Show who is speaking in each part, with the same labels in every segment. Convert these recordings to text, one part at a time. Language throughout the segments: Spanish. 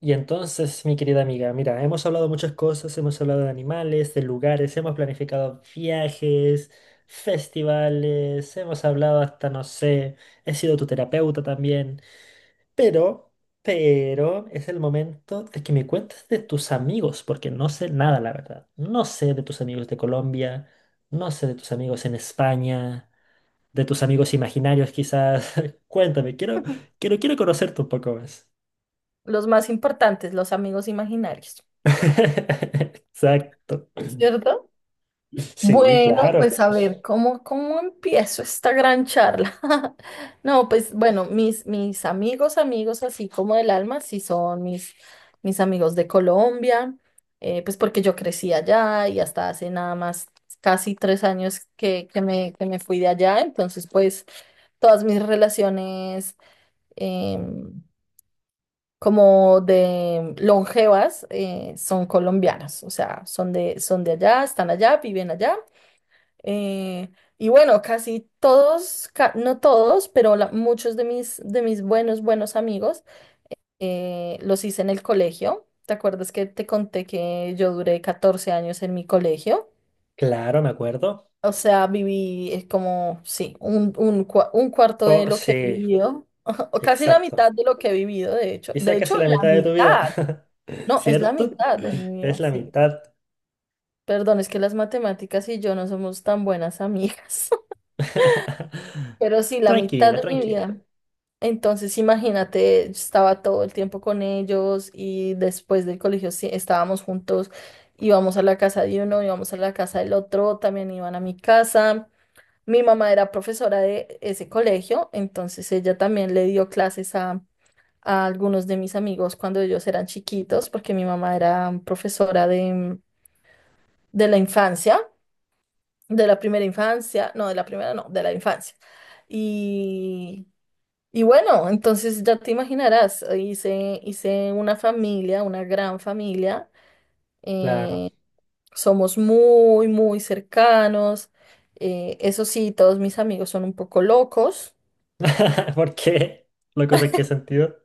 Speaker 1: Y entonces, mi querida amiga, mira, hemos hablado muchas cosas, hemos hablado de animales, de lugares, hemos planificado viajes, festivales, hemos hablado hasta, no sé, he sido tu terapeuta también, pero, pero es el momento de que me cuentes de tus amigos, porque no sé nada, la verdad. No sé de tus amigos de Colombia, no sé de tus amigos en España, de tus amigos imaginarios quizás. Cuéntame, quiero conocerte un poco más.
Speaker 2: Los más importantes, los amigos imaginarios,
Speaker 1: Exacto.
Speaker 2: ¿cierto?
Speaker 1: Sí,
Speaker 2: Bueno,
Speaker 1: claro,
Speaker 2: pues a ver, ¿cómo empiezo esta gran charla? No, pues bueno, mis amigos, amigos así como del alma, sí son mis amigos de Colombia, pues porque yo crecí allá y hasta hace nada más casi 3 años que me fui de allá, entonces pues todas mis relaciones em, como de longevas son colombianas, o sea, son son de allá, están allá, viven allá. eh, y bueno, casi todos, no todos, pero muchos de de mis buenos, buenos amigos los hice en el colegio. ¿Te acuerdas que te conté que yo duré 14 años en mi colegio?
Speaker 1: claro, me acuerdo.
Speaker 2: O sea, viví como, sí, un cuarto de lo que he
Speaker 1: Sí,
Speaker 2: vivido, o casi la
Speaker 1: exacto.
Speaker 2: mitad de lo que he vivido, de hecho.
Speaker 1: Y quizá
Speaker 2: De hecho,
Speaker 1: casi la
Speaker 2: la
Speaker 1: mitad de tu vida,
Speaker 2: mitad. No, es la
Speaker 1: ¿cierto?
Speaker 2: mitad de mi
Speaker 1: Es
Speaker 2: vida,
Speaker 1: la
Speaker 2: sí.
Speaker 1: mitad.
Speaker 2: Perdón, es que las matemáticas y yo no somos tan buenas amigas, pero sí, la mitad
Speaker 1: Tranquila,
Speaker 2: de mi vida.
Speaker 1: tranquila.
Speaker 2: Entonces, imagínate, estaba todo el tiempo con ellos y después del colegio sí, estábamos juntos, íbamos a la casa de uno, íbamos a la casa del otro, también iban a mi casa. Mi mamá era profesora de ese colegio, entonces ella también le dio clases a algunos de mis amigos cuando ellos eran chiquitos, porque mi mamá era profesora de la infancia, de la primera infancia, no, de la primera no, de la infancia. Y, y bueno, entonces ya te imaginarás, hice una familia, una gran familia,
Speaker 1: Claro.
Speaker 2: eh, somos muy, muy cercanos, eso sí, todos mis amigos son un poco locos,
Speaker 1: ¿Por qué? ¿Locos en qué sentido?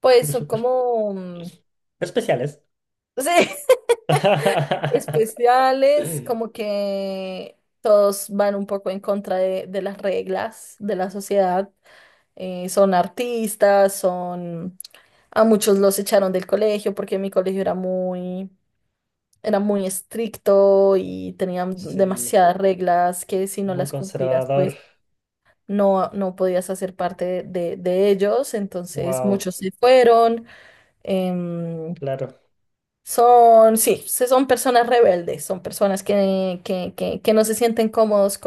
Speaker 2: pues son como,
Speaker 1: Especiales.
Speaker 2: sí, especiales, como que todos van un poco en contra de las reglas de la sociedad. Son artistas, son... A muchos los echaron del colegio porque mi colegio era muy estricto y tenían
Speaker 1: Sí,
Speaker 2: demasiadas reglas que si no
Speaker 1: muy
Speaker 2: las cumplías,
Speaker 1: conservador.
Speaker 2: pues no, no podías hacer parte de ellos. Entonces
Speaker 1: Wow,
Speaker 2: muchos se fueron. em,
Speaker 1: claro.
Speaker 2: Son, sí, son personas rebeldes, son personas que no se sienten cómodos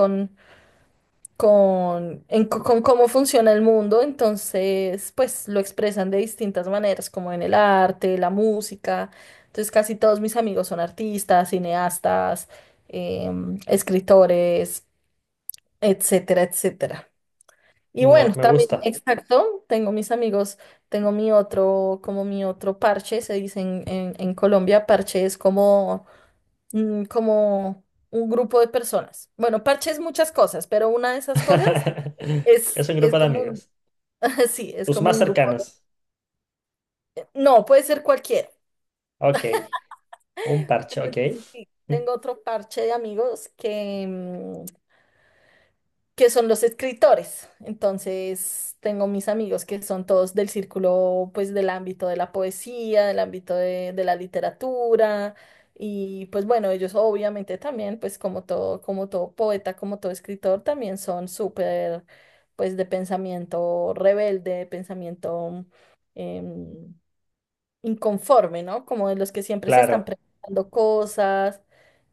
Speaker 2: con cómo funciona el mundo, entonces pues lo expresan de distintas maneras, como en el arte, la música. Entonces casi todos mis amigos son artistas, cineastas, escritores, etcétera, etcétera. Y
Speaker 1: No,
Speaker 2: bueno,
Speaker 1: me
Speaker 2: también,
Speaker 1: gusta.
Speaker 2: exacto, tengo mis amigos, tengo mi otro, como mi otro parche, se dice en Colombia, parche es como, como un grupo de personas. Bueno, parche es muchas cosas, pero una de esas cosas
Speaker 1: Es un
Speaker 2: es
Speaker 1: grupo de
Speaker 2: como un,
Speaker 1: amigos.
Speaker 2: sí, es
Speaker 1: Tus
Speaker 2: como
Speaker 1: más
Speaker 2: un grupo de-
Speaker 1: cercanos.
Speaker 2: no, puede ser cualquiera.
Speaker 1: Ok. Un parche,
Speaker 2: Pero
Speaker 1: ok.
Speaker 2: entonces sí,
Speaker 1: Mm,
Speaker 2: tengo otro parche de amigos que, que son los escritores. Entonces tengo mis amigos que son todos del círculo, pues del ámbito de la poesía, del ámbito de la literatura. Y pues bueno, ellos obviamente también, pues como todo poeta, como todo escritor, también son súper, pues de pensamiento rebelde, de pensamiento... em, Inconforme, ¿no? Como de los que siempre se están
Speaker 1: claro.
Speaker 2: preguntando cosas,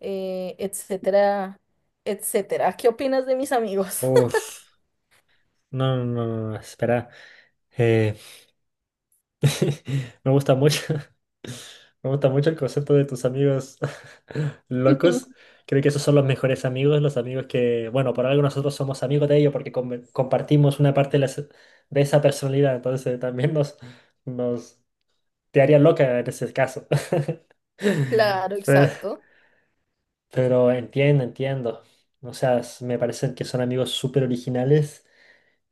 Speaker 2: etcétera, etcétera. ¿Qué opinas de mis amigos?
Speaker 1: Uf, no, no, no, no, no, espera. Eh, me gusta mucho. Me gusta mucho el concepto de tus amigos
Speaker 2: Ujú.
Speaker 1: locos. Creo que esos son los mejores amigos, los amigos que, bueno, por algo nosotros somos amigos de ellos porque compartimos una parte de, de esa personalidad, entonces también nos te haría loca en ese caso.
Speaker 2: Claro,
Speaker 1: Pero-
Speaker 2: exacto.
Speaker 1: Pero entiendo, entiendo. O sea, me parecen que son amigos súper originales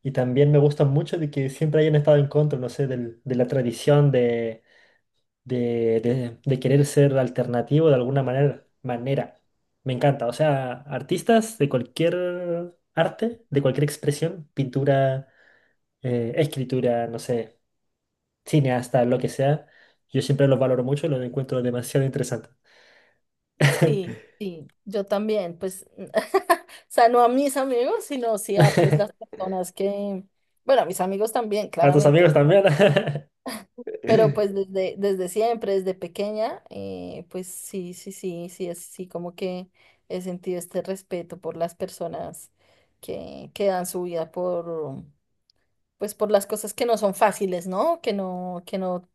Speaker 1: y también me gustan mucho de que siempre hayan estado en contra, no sé, de la tradición de, de querer ser alternativo de alguna manera. Me encanta. O sea, artistas de cualquier arte, de cualquier expresión, pintura, escritura, no sé, cineasta, lo que sea, yo siempre los valoro mucho y los encuentro demasiado interesantes.
Speaker 2: Sí, sí, yo también, pues, o sea, no a mis amigos, sino sí a pues las personas que, bueno, a mis amigos también,
Speaker 1: A tus
Speaker 2: claramente.
Speaker 1: amigos también.
Speaker 2: Pero pues desde, desde siempre, desde pequeña, pues sí, sí, sí, sí, es sí, como que he sentido este respeto por las personas que dan su vida por, pues por las cosas que no son fáciles, ¿no?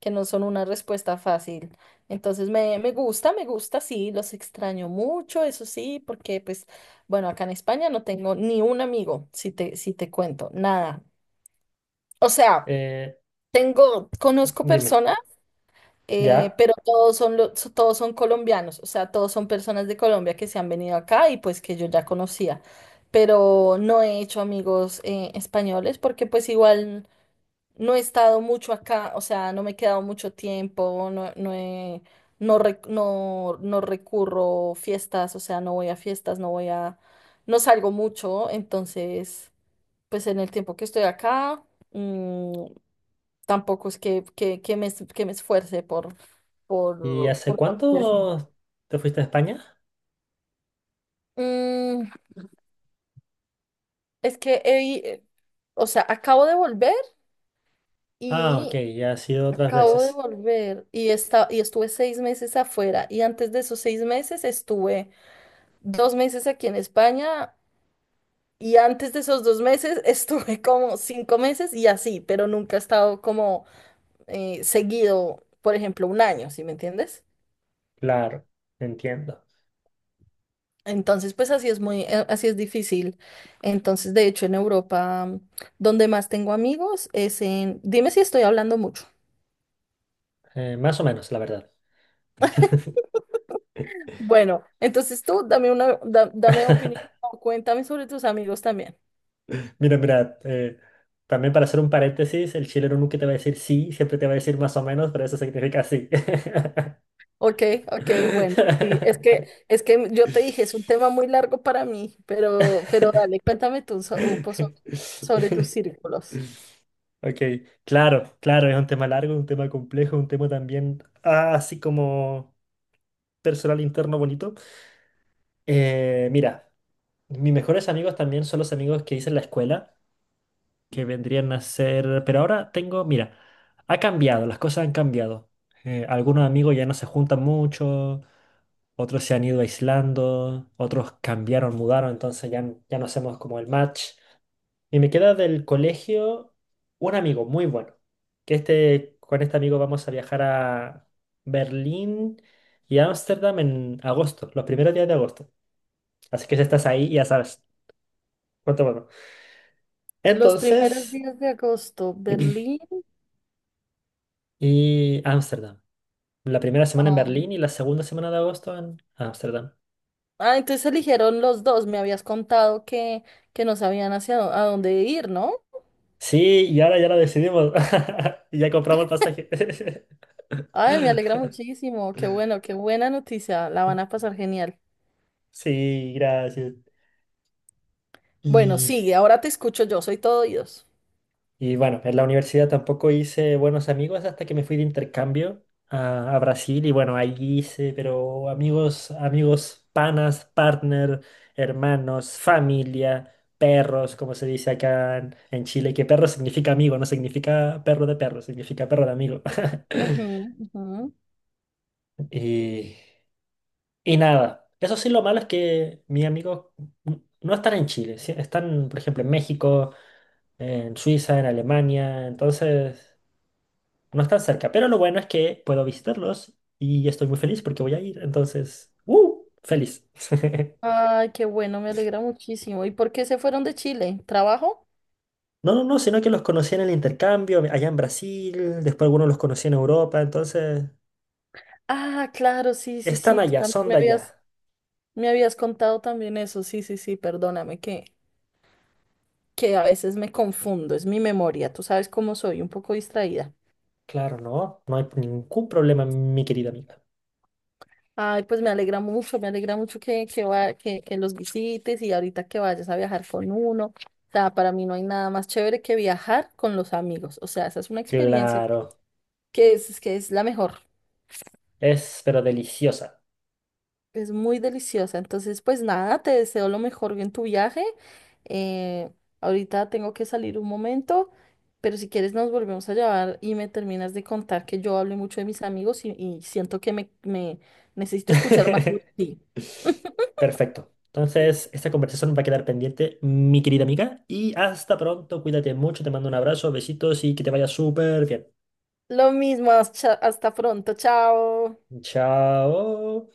Speaker 2: Que no son una respuesta fácil. Entonces me gusta, sí, los extraño mucho, eso sí, porque pues, bueno, acá en España no tengo ni un amigo, si si te cuento, nada. O sea,
Speaker 1: Eh,
Speaker 2: tengo, conozco
Speaker 1: dime,
Speaker 2: personas.
Speaker 1: ¿ya?
Speaker 2: Pero todos son, todos son colombianos, o sea, todos son personas de Colombia que se han venido acá y pues que yo ya conocía, pero no he hecho amigos españoles porque pues igual no he estado mucho acá, o sea, no me he quedado mucho tiempo, no, no he- no, no, no recurro fiestas, o sea, no voy a fiestas, no voy a, no salgo mucho, entonces, pues en el tiempo que estoy acá, mm, tampoco es que me, que me esfuerce
Speaker 1: ¿Y
Speaker 2: por
Speaker 1: hace
Speaker 2: conocer gente.
Speaker 1: cuánto te fuiste a España?
Speaker 2: Mm, es que, he eh, o sea, acabo de volver
Speaker 1: Ah, ok,
Speaker 2: y
Speaker 1: ya has ido otras veces.
Speaker 2: y estuve 6 meses afuera y antes de esos 6 meses estuve 2 meses aquí en España y antes de esos 2 meses estuve como 5 meses y así, pero nunca he estado como seguido, por ejemplo, un año, ¿sí me entiendes?
Speaker 1: Claro, entiendo.
Speaker 2: Entonces, pues así es muy, así es difícil. Entonces, de hecho, en Europa, donde más tengo amigos es en, dime si estoy hablando mucho.
Speaker 1: Más o menos, la verdad.
Speaker 2: Bueno, entonces tú dame una, dame opinión, o cuéntame sobre tus amigos también.
Speaker 1: Mira, mira, también para hacer un paréntesis, el chileno nunca te va a decir sí, siempre te va a decir más o menos, pero eso significa sí.
Speaker 2: Ok, ok, bueno, sí, es que yo te dije, es un tema muy largo para mí, pero dale, cuéntame tú un poco sobre, sobre tus círculos.
Speaker 1: Ok, claro, claro, es un tema largo, un tema complejo, un tema también, así como personal interno bonito. Mira, mis mejores amigos también son los amigos que hice en la escuela, que vendrían a ser... Pero ahora tengo, mira, ha cambiado, las cosas han cambiado. Algunos amigos ya no se juntan mucho, otros se han ido aislando, otros cambiaron, mudaron, entonces ya, ya no hacemos como el match. Y me queda del colegio un amigo muy bueno, que este, con este amigo vamos a viajar a Berlín y Ámsterdam en agosto, los primeros días de agosto. Así que si estás ahí, ya sabes. Cuatro cuatro.
Speaker 2: Los primeros
Speaker 1: Entonces,
Speaker 2: días de agosto, Berlín.
Speaker 1: y Ámsterdam. La primera semana en Berlín y la segunda semana de agosto en Ámsterdam.
Speaker 2: Ah, entonces eligieron los dos. Me habías contado que no sabían hacia a dónde ir, ¿no?
Speaker 1: Sí, y ahora ya lo decidimos. Y ya compramos el pasaje.
Speaker 2: Ay, me alegra muchísimo. Qué bueno, qué buena noticia. La van a pasar genial.
Speaker 1: Sí, gracias.
Speaker 2: Bueno,
Speaker 1: Y
Speaker 2: sigue, ahora te escucho yo, soy todo oídos.
Speaker 1: Y bueno, en la universidad tampoco hice buenos amigos hasta que me fui de intercambio a Brasil y bueno, ahí hice, pero amigos, amigos, panas, partner, hermanos, familia, perros, como se dice acá en Chile, que perro significa amigo, no significa perro de perro, significa perro de amigo.
Speaker 2: Ujú, ujú.
Speaker 1: Y, y nada, eso sí lo malo es que mis amigos no están en Chile, sí, están, por ejemplo, en México, en Suiza, en Alemania, entonces... No están cerca, pero lo bueno es que puedo visitarlos y estoy muy feliz porque voy a ir. Entonces, ¡uh! Feliz.
Speaker 2: Ay, qué bueno, me alegra muchísimo. ¿Y por qué se fueron de Chile? ¿Trabajo?
Speaker 1: No, no, no, sino que los conocí en el intercambio allá en Brasil, después algunos los conocí en Europa, entonces
Speaker 2: Ah, claro, sí, sí,
Speaker 1: están
Speaker 2: sí. Tú
Speaker 1: allá,
Speaker 2: también
Speaker 1: son de allá.
Speaker 2: me habías contado también eso. Sí, sí, sí, perdóname que a veces me confundo. Es mi memoria. Tú sabes cómo soy, un poco distraída.
Speaker 1: Claro, no, no hay ningún problema, mi querida amiga.
Speaker 2: Ay, pues me alegra mucho que, que los visites y ahorita que vayas a viajar con uno. O sea, para mí no hay nada más chévere que viajar con los amigos. O sea, esa es una experiencia
Speaker 1: Claro,
Speaker 2: que es la mejor.
Speaker 1: es pero deliciosa.
Speaker 2: Es muy deliciosa. Entonces, pues nada, te deseo lo mejor en tu viaje. Eh, Ahorita tengo que salir un momento, pero si quieres nos volvemos a llevar y me terminas de contar que yo hablé mucho de mis amigos y siento que me necesito escuchar más sobre ti.
Speaker 1: Perfecto. Entonces, esta conversación va a quedar pendiente, mi querida amiga, y hasta pronto, cuídate mucho, te mando un abrazo, besitos y que te vaya súper bien.
Speaker 2: Lo mismo, hasta hasta pronto, chao.
Speaker 1: Chao.